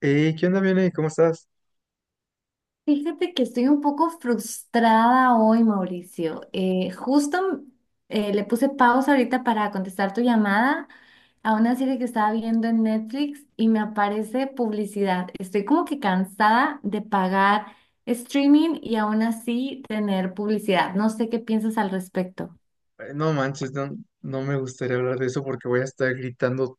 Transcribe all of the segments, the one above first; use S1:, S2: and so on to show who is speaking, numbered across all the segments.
S1: Hey, ¿qué onda, Viene? ¿Cómo estás?
S2: Fíjate que estoy un poco frustrada hoy, Mauricio. Justo le puse pausa ahorita para contestar tu llamada a una serie que estaba viendo en Netflix y me aparece publicidad. Estoy como que cansada de pagar streaming y aún así tener publicidad. No sé qué piensas al respecto.
S1: No manches, no me gustaría hablar de eso porque voy a estar gritando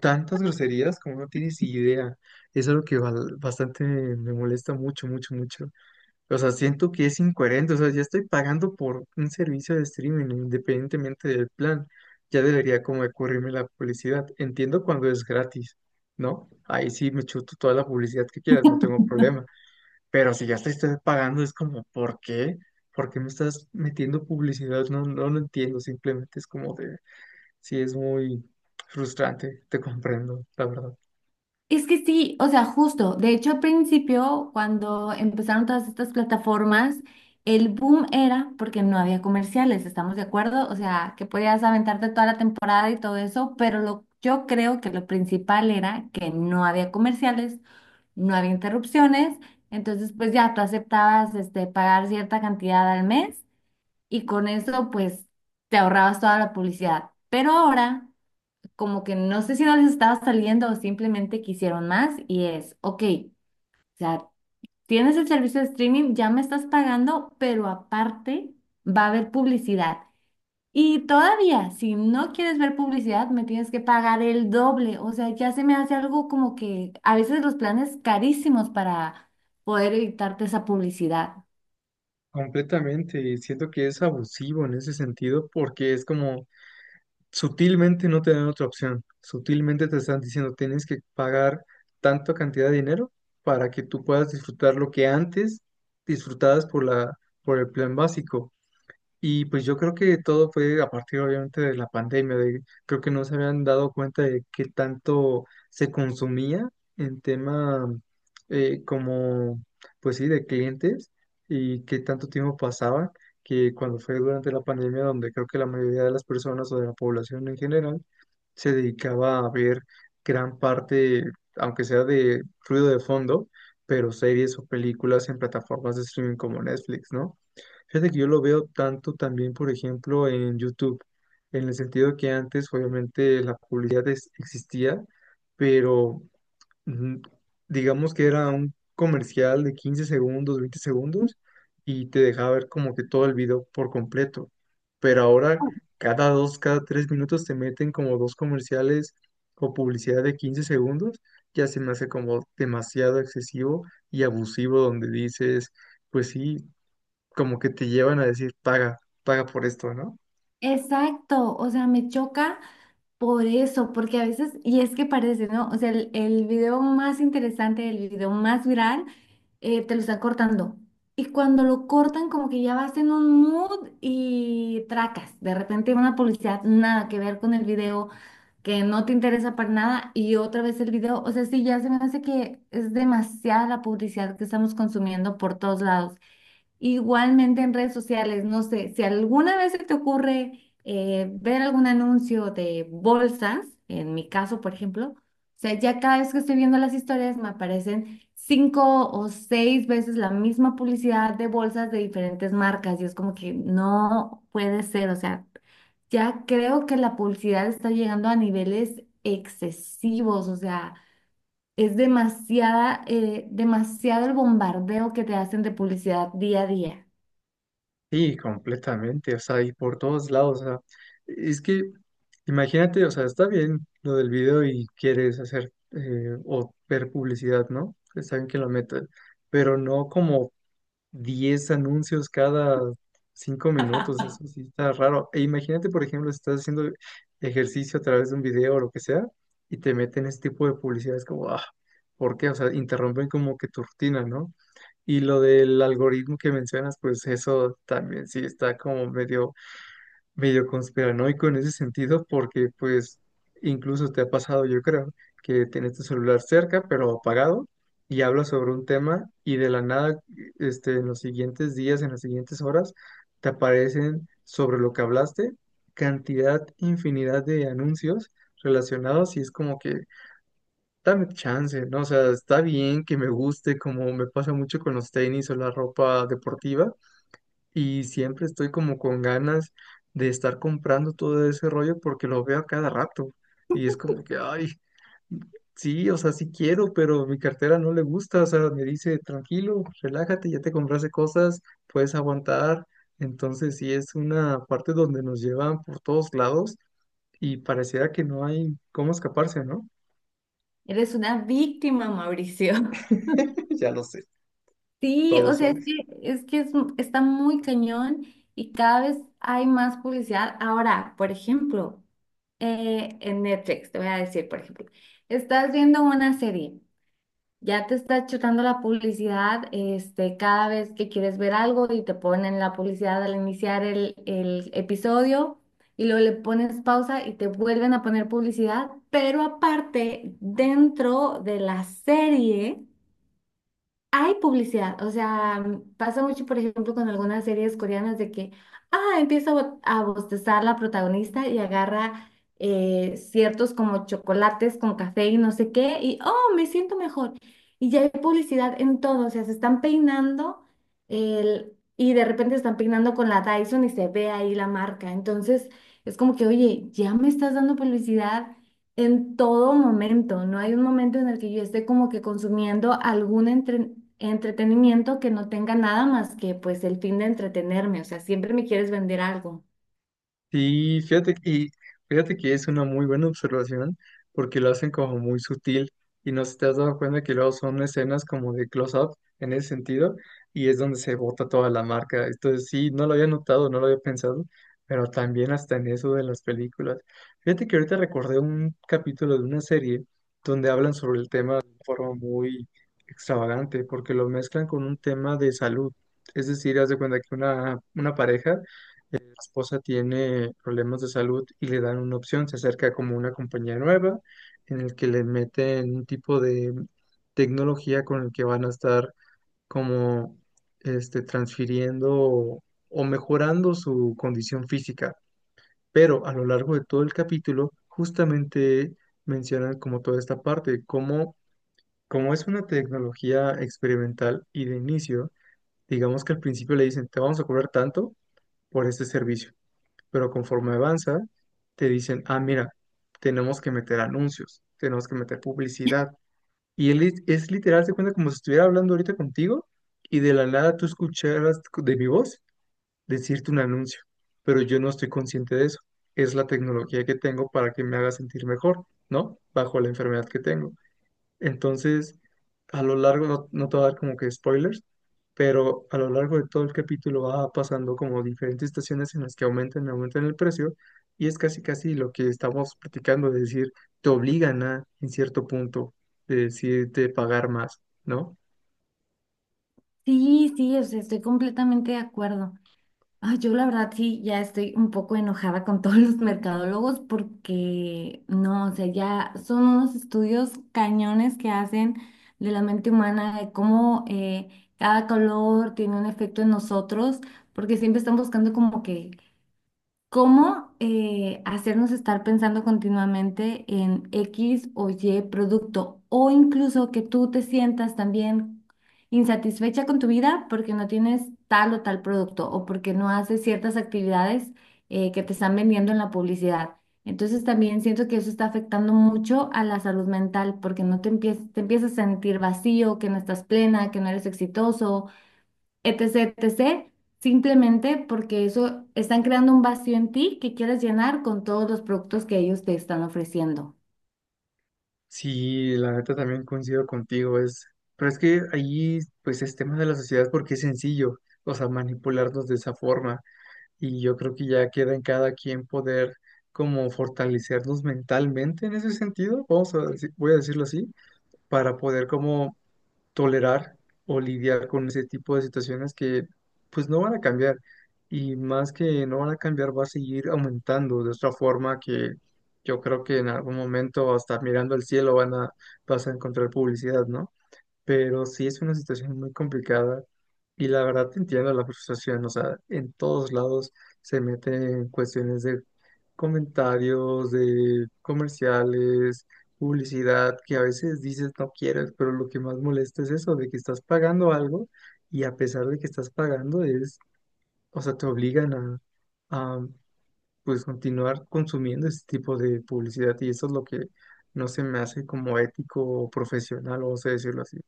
S1: tantas groserías como no tienes idea. Es algo que bastante me molesta mucho, mucho, mucho. O sea, siento que es incoherente. O sea, ya estoy pagando por un servicio de streaming independientemente del plan. Ya debería como de cubrirme la publicidad. Entiendo cuando es gratis, ¿no? Ahí sí me chuto toda la publicidad que quieras, no tengo problema. Pero si ya te estoy pagando, es como, ¿por qué? ¿Por qué me estás metiendo publicidad? No, no lo entiendo, simplemente es como de, sí, es muy frustrante, te comprendo, la verdad.
S2: Es que sí, o sea, justo. De hecho, al principio, cuando empezaron todas estas plataformas, el boom era porque no había comerciales, ¿estamos de acuerdo? O sea, que podías aventarte toda la temporada y todo eso, pero yo creo que lo principal era que no había comerciales, no había interrupciones, entonces pues ya tú aceptabas este, pagar cierta cantidad al mes y con eso pues te ahorrabas toda la publicidad. Pero ahora como que no sé si no les estaba saliendo o simplemente quisieron más y es, ok, o sea, tienes el servicio de streaming, ya me estás pagando, pero aparte va a haber publicidad. Y todavía, si no quieres ver publicidad, me tienes que pagar el doble. O sea, ya se me hace algo como que a veces los planes carísimos para poder evitarte esa publicidad.
S1: Completamente, y siento que es abusivo en ese sentido porque es como sutilmente no te dan otra opción, sutilmente te están diciendo tienes que pagar tanta cantidad de dinero para que tú puedas disfrutar lo que antes disfrutabas por la, por el plan básico. Y pues yo creo que todo fue a partir obviamente de la pandemia, de, creo que no se habían dado cuenta de qué tanto se consumía en tema como, pues sí, de clientes y qué tanto tiempo pasaba, que cuando fue durante la pandemia donde creo que la mayoría de las personas o de la población en general se dedicaba a ver gran parte, aunque sea de ruido de fondo, pero series o películas en plataformas de streaming como Netflix, ¿no? Fíjate que yo lo veo tanto también, por ejemplo, en YouTube, en el sentido que antes obviamente la publicidad existía, pero mm, digamos que era un comercial de 15 segundos, 20 segundos, y te dejaba ver como que todo el video por completo. Pero ahora cada dos, cada 3 minutos te meten como dos comerciales o publicidad de 15 segundos, ya se me hace como demasiado excesivo y abusivo donde dices... Pues sí, como que te llevan a decir, paga, paga por esto, ¿no?
S2: Exacto, o sea, me choca. Por eso, porque a veces, y es que parece, ¿no? O sea, el video más interesante, el video más viral, te lo están cortando. Y cuando lo cortan, como que ya vas en un mood y tracas. De repente una publicidad nada que ver con el video, que no te interesa para nada, y otra vez el video. O sea, sí, ya se me hace que es demasiada la publicidad que estamos consumiendo por todos lados. Igualmente en redes sociales, no sé, si alguna vez se te ocurre ver algún anuncio de bolsas, en mi caso, por ejemplo, o sea, ya cada vez que estoy viendo las historias me aparecen cinco o seis veces la misma publicidad de bolsas de diferentes marcas y es como que no puede ser, o sea, ya creo que la publicidad está llegando a niveles excesivos, o sea... Es demasiada, demasiado el bombardeo que te hacen de publicidad día a día.
S1: Sí, completamente, o sea, y por todos lados, o sea, es que imagínate, o sea, está bien lo del video y quieres hacer o ver publicidad, ¿no? Está bien que lo metas, pero no como 10 anuncios cada 5 minutos, eso sí está raro. E imagínate, por ejemplo, si estás haciendo ejercicio a través de un video o lo que sea, y te meten ese tipo de publicidad, es como, ah, ¿por qué? O sea, interrumpen como que tu rutina, ¿no? Y lo del algoritmo que mencionas, pues eso también sí está como medio conspiranoico en ese sentido porque pues incluso te ha pasado, yo creo, que tienes tu celular cerca pero apagado y hablas sobre un tema y de la nada en los siguientes días, en las siguientes horas, te aparecen sobre lo que hablaste cantidad, infinidad de anuncios relacionados y es como que dame chance, ¿no? O sea, está bien que me guste como me pasa mucho con los tenis o la ropa deportiva y siempre estoy como con ganas de estar comprando todo ese rollo porque lo veo a cada rato y es como que, ay, sí, o sea, sí quiero, pero mi cartera no le gusta, o sea, me dice, tranquilo, relájate, ya te compraste cosas, puedes aguantar, entonces sí es una parte donde nos llevan por todos lados y pareciera que no hay cómo escaparse, ¿no?
S2: Eres una víctima, Mauricio.
S1: Ya lo sé,
S2: Sí, o
S1: todos
S2: sea,
S1: somos.
S2: es que es- está muy cañón y cada vez hay más publicidad. Ahora, por ejemplo, en Netflix, te voy a decir, por ejemplo, estás viendo una serie, ya te está chutando la publicidad, este, cada vez que quieres ver algo y te ponen la publicidad al iniciar el episodio y luego le pones pausa y te vuelven a poner publicidad, pero aparte, dentro de la serie. Hay publicidad, o sea, mm, pasa mucho, por ejemplo, con algunas series coreanas de que, ah, empieza a bostezar la protagonista y agarra ciertos como chocolates con café y no sé qué, y, oh, me siento mejor. Y ya hay publicidad en todo, o sea, se están peinando el, y de repente están peinando con la Dyson y se ve ahí la marca. Entonces, es como que, oye, ya me estás dando publicidad en todo momento. No hay un momento en el que yo esté como que consumiendo algún entretenimiento que no tenga nada más que pues el fin de entretenerme. O sea, siempre me quieres vender algo.
S1: Sí, fíjate, y fíjate que es una muy buena observación porque lo hacen como muy sutil y no sé si te has dado cuenta que luego son escenas como de close-up en ese sentido y es donde se bota toda la marca. Entonces sí, no lo había notado, no lo había pensado, pero también hasta en eso de las películas. Fíjate que ahorita recordé un capítulo de una serie donde hablan sobre el tema de forma muy extravagante porque lo mezclan con un tema de salud. Es decir, haz de cuenta que una pareja, la esposa tiene problemas de salud y le dan una opción, se acerca como una compañía nueva en el que le meten un tipo de tecnología con el que van a estar como transfiriendo o mejorando su condición física. Pero a lo largo de todo el capítulo, justamente mencionan como toda esta parte, como es una tecnología experimental y de inicio, digamos que al principio le dicen, te vamos a cobrar tanto por este servicio, pero conforme avanza, te dicen, ah, mira, tenemos que meter anuncios, tenemos que meter publicidad. Y él es literal, se cuenta como si estuviera hablando ahorita contigo y de la nada tú escucharas de mi voz decirte un anuncio, pero yo no estoy consciente de eso. Es la tecnología que tengo para que me haga sentir mejor, ¿no? Bajo la enfermedad que tengo. Entonces, a lo largo, no te voy a dar como que spoilers, pero a lo largo de todo el capítulo va pasando como diferentes estaciones en las que aumentan, aumentan el precio, y es casi casi lo que estamos platicando, de decir, te obligan a, en cierto punto, de decirte pagar más, ¿no?
S2: Sí, sí, o sea, estoy completamente de acuerdo. Ah, yo la verdad sí, ya estoy un poco enojada con todos los mercadólogos porque no, o sea, ya son unos estudios cañones que hacen de la mente humana, de cómo cada color tiene un efecto en nosotros porque siempre están buscando como que ¿cómo hacernos estar pensando continuamente en X o Y producto? O incluso que tú te sientas también insatisfecha con tu vida porque no tienes tal o tal producto o porque no haces ciertas actividades que te están vendiendo en la publicidad. Entonces también siento que eso está afectando mucho a la salud mental porque no te empiezas, te empiezas a sentir vacío, que no estás plena, que no eres exitoso, etc., etc., simplemente porque eso están creando un vacío en ti que quieres llenar con todos los productos que ellos te están ofreciendo.
S1: Sí, la neta también coincido contigo, es, pero es que ahí, pues es tema de la sociedad porque es sencillo, o sea, manipularnos de esa forma. Y yo creo que ya queda en cada quien poder como fortalecernos mentalmente en ese sentido, vamos a voy a decirlo así, para poder como tolerar o lidiar con ese tipo de situaciones que pues no van a cambiar, y más que no van a cambiar, va a seguir aumentando de otra forma que yo creo que en algún momento hasta mirando el cielo van a, vas a encontrar publicidad, ¿no? Pero sí es una situación muy complicada y la verdad te entiendo la frustración, o sea, en todos lados se meten cuestiones de comentarios, de comerciales, publicidad, que a veces dices no quieres, pero lo que más molesta es eso, de que estás pagando algo y a pesar de que estás pagando es, o sea, te obligan a, a pues continuar consumiendo ese tipo de publicidad y eso es lo que no se me hace como ético o profesional, vamos a decirlo así.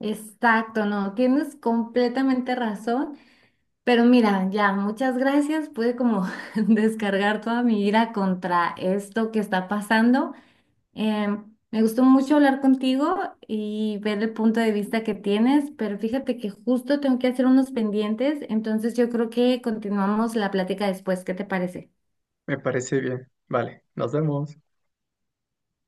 S2: Exacto, no, tienes completamente razón, pero mira, ya, muchas gracias, pude como descargar toda mi ira contra esto que está pasando. Em, Me gustó mucho hablar contigo y ver el punto de vista que tienes, pero fíjate que justo tengo que hacer unos pendientes, entonces yo creo que continuamos la plática después, ¿qué te parece?
S1: Me parece bien. Vale, nos vemos.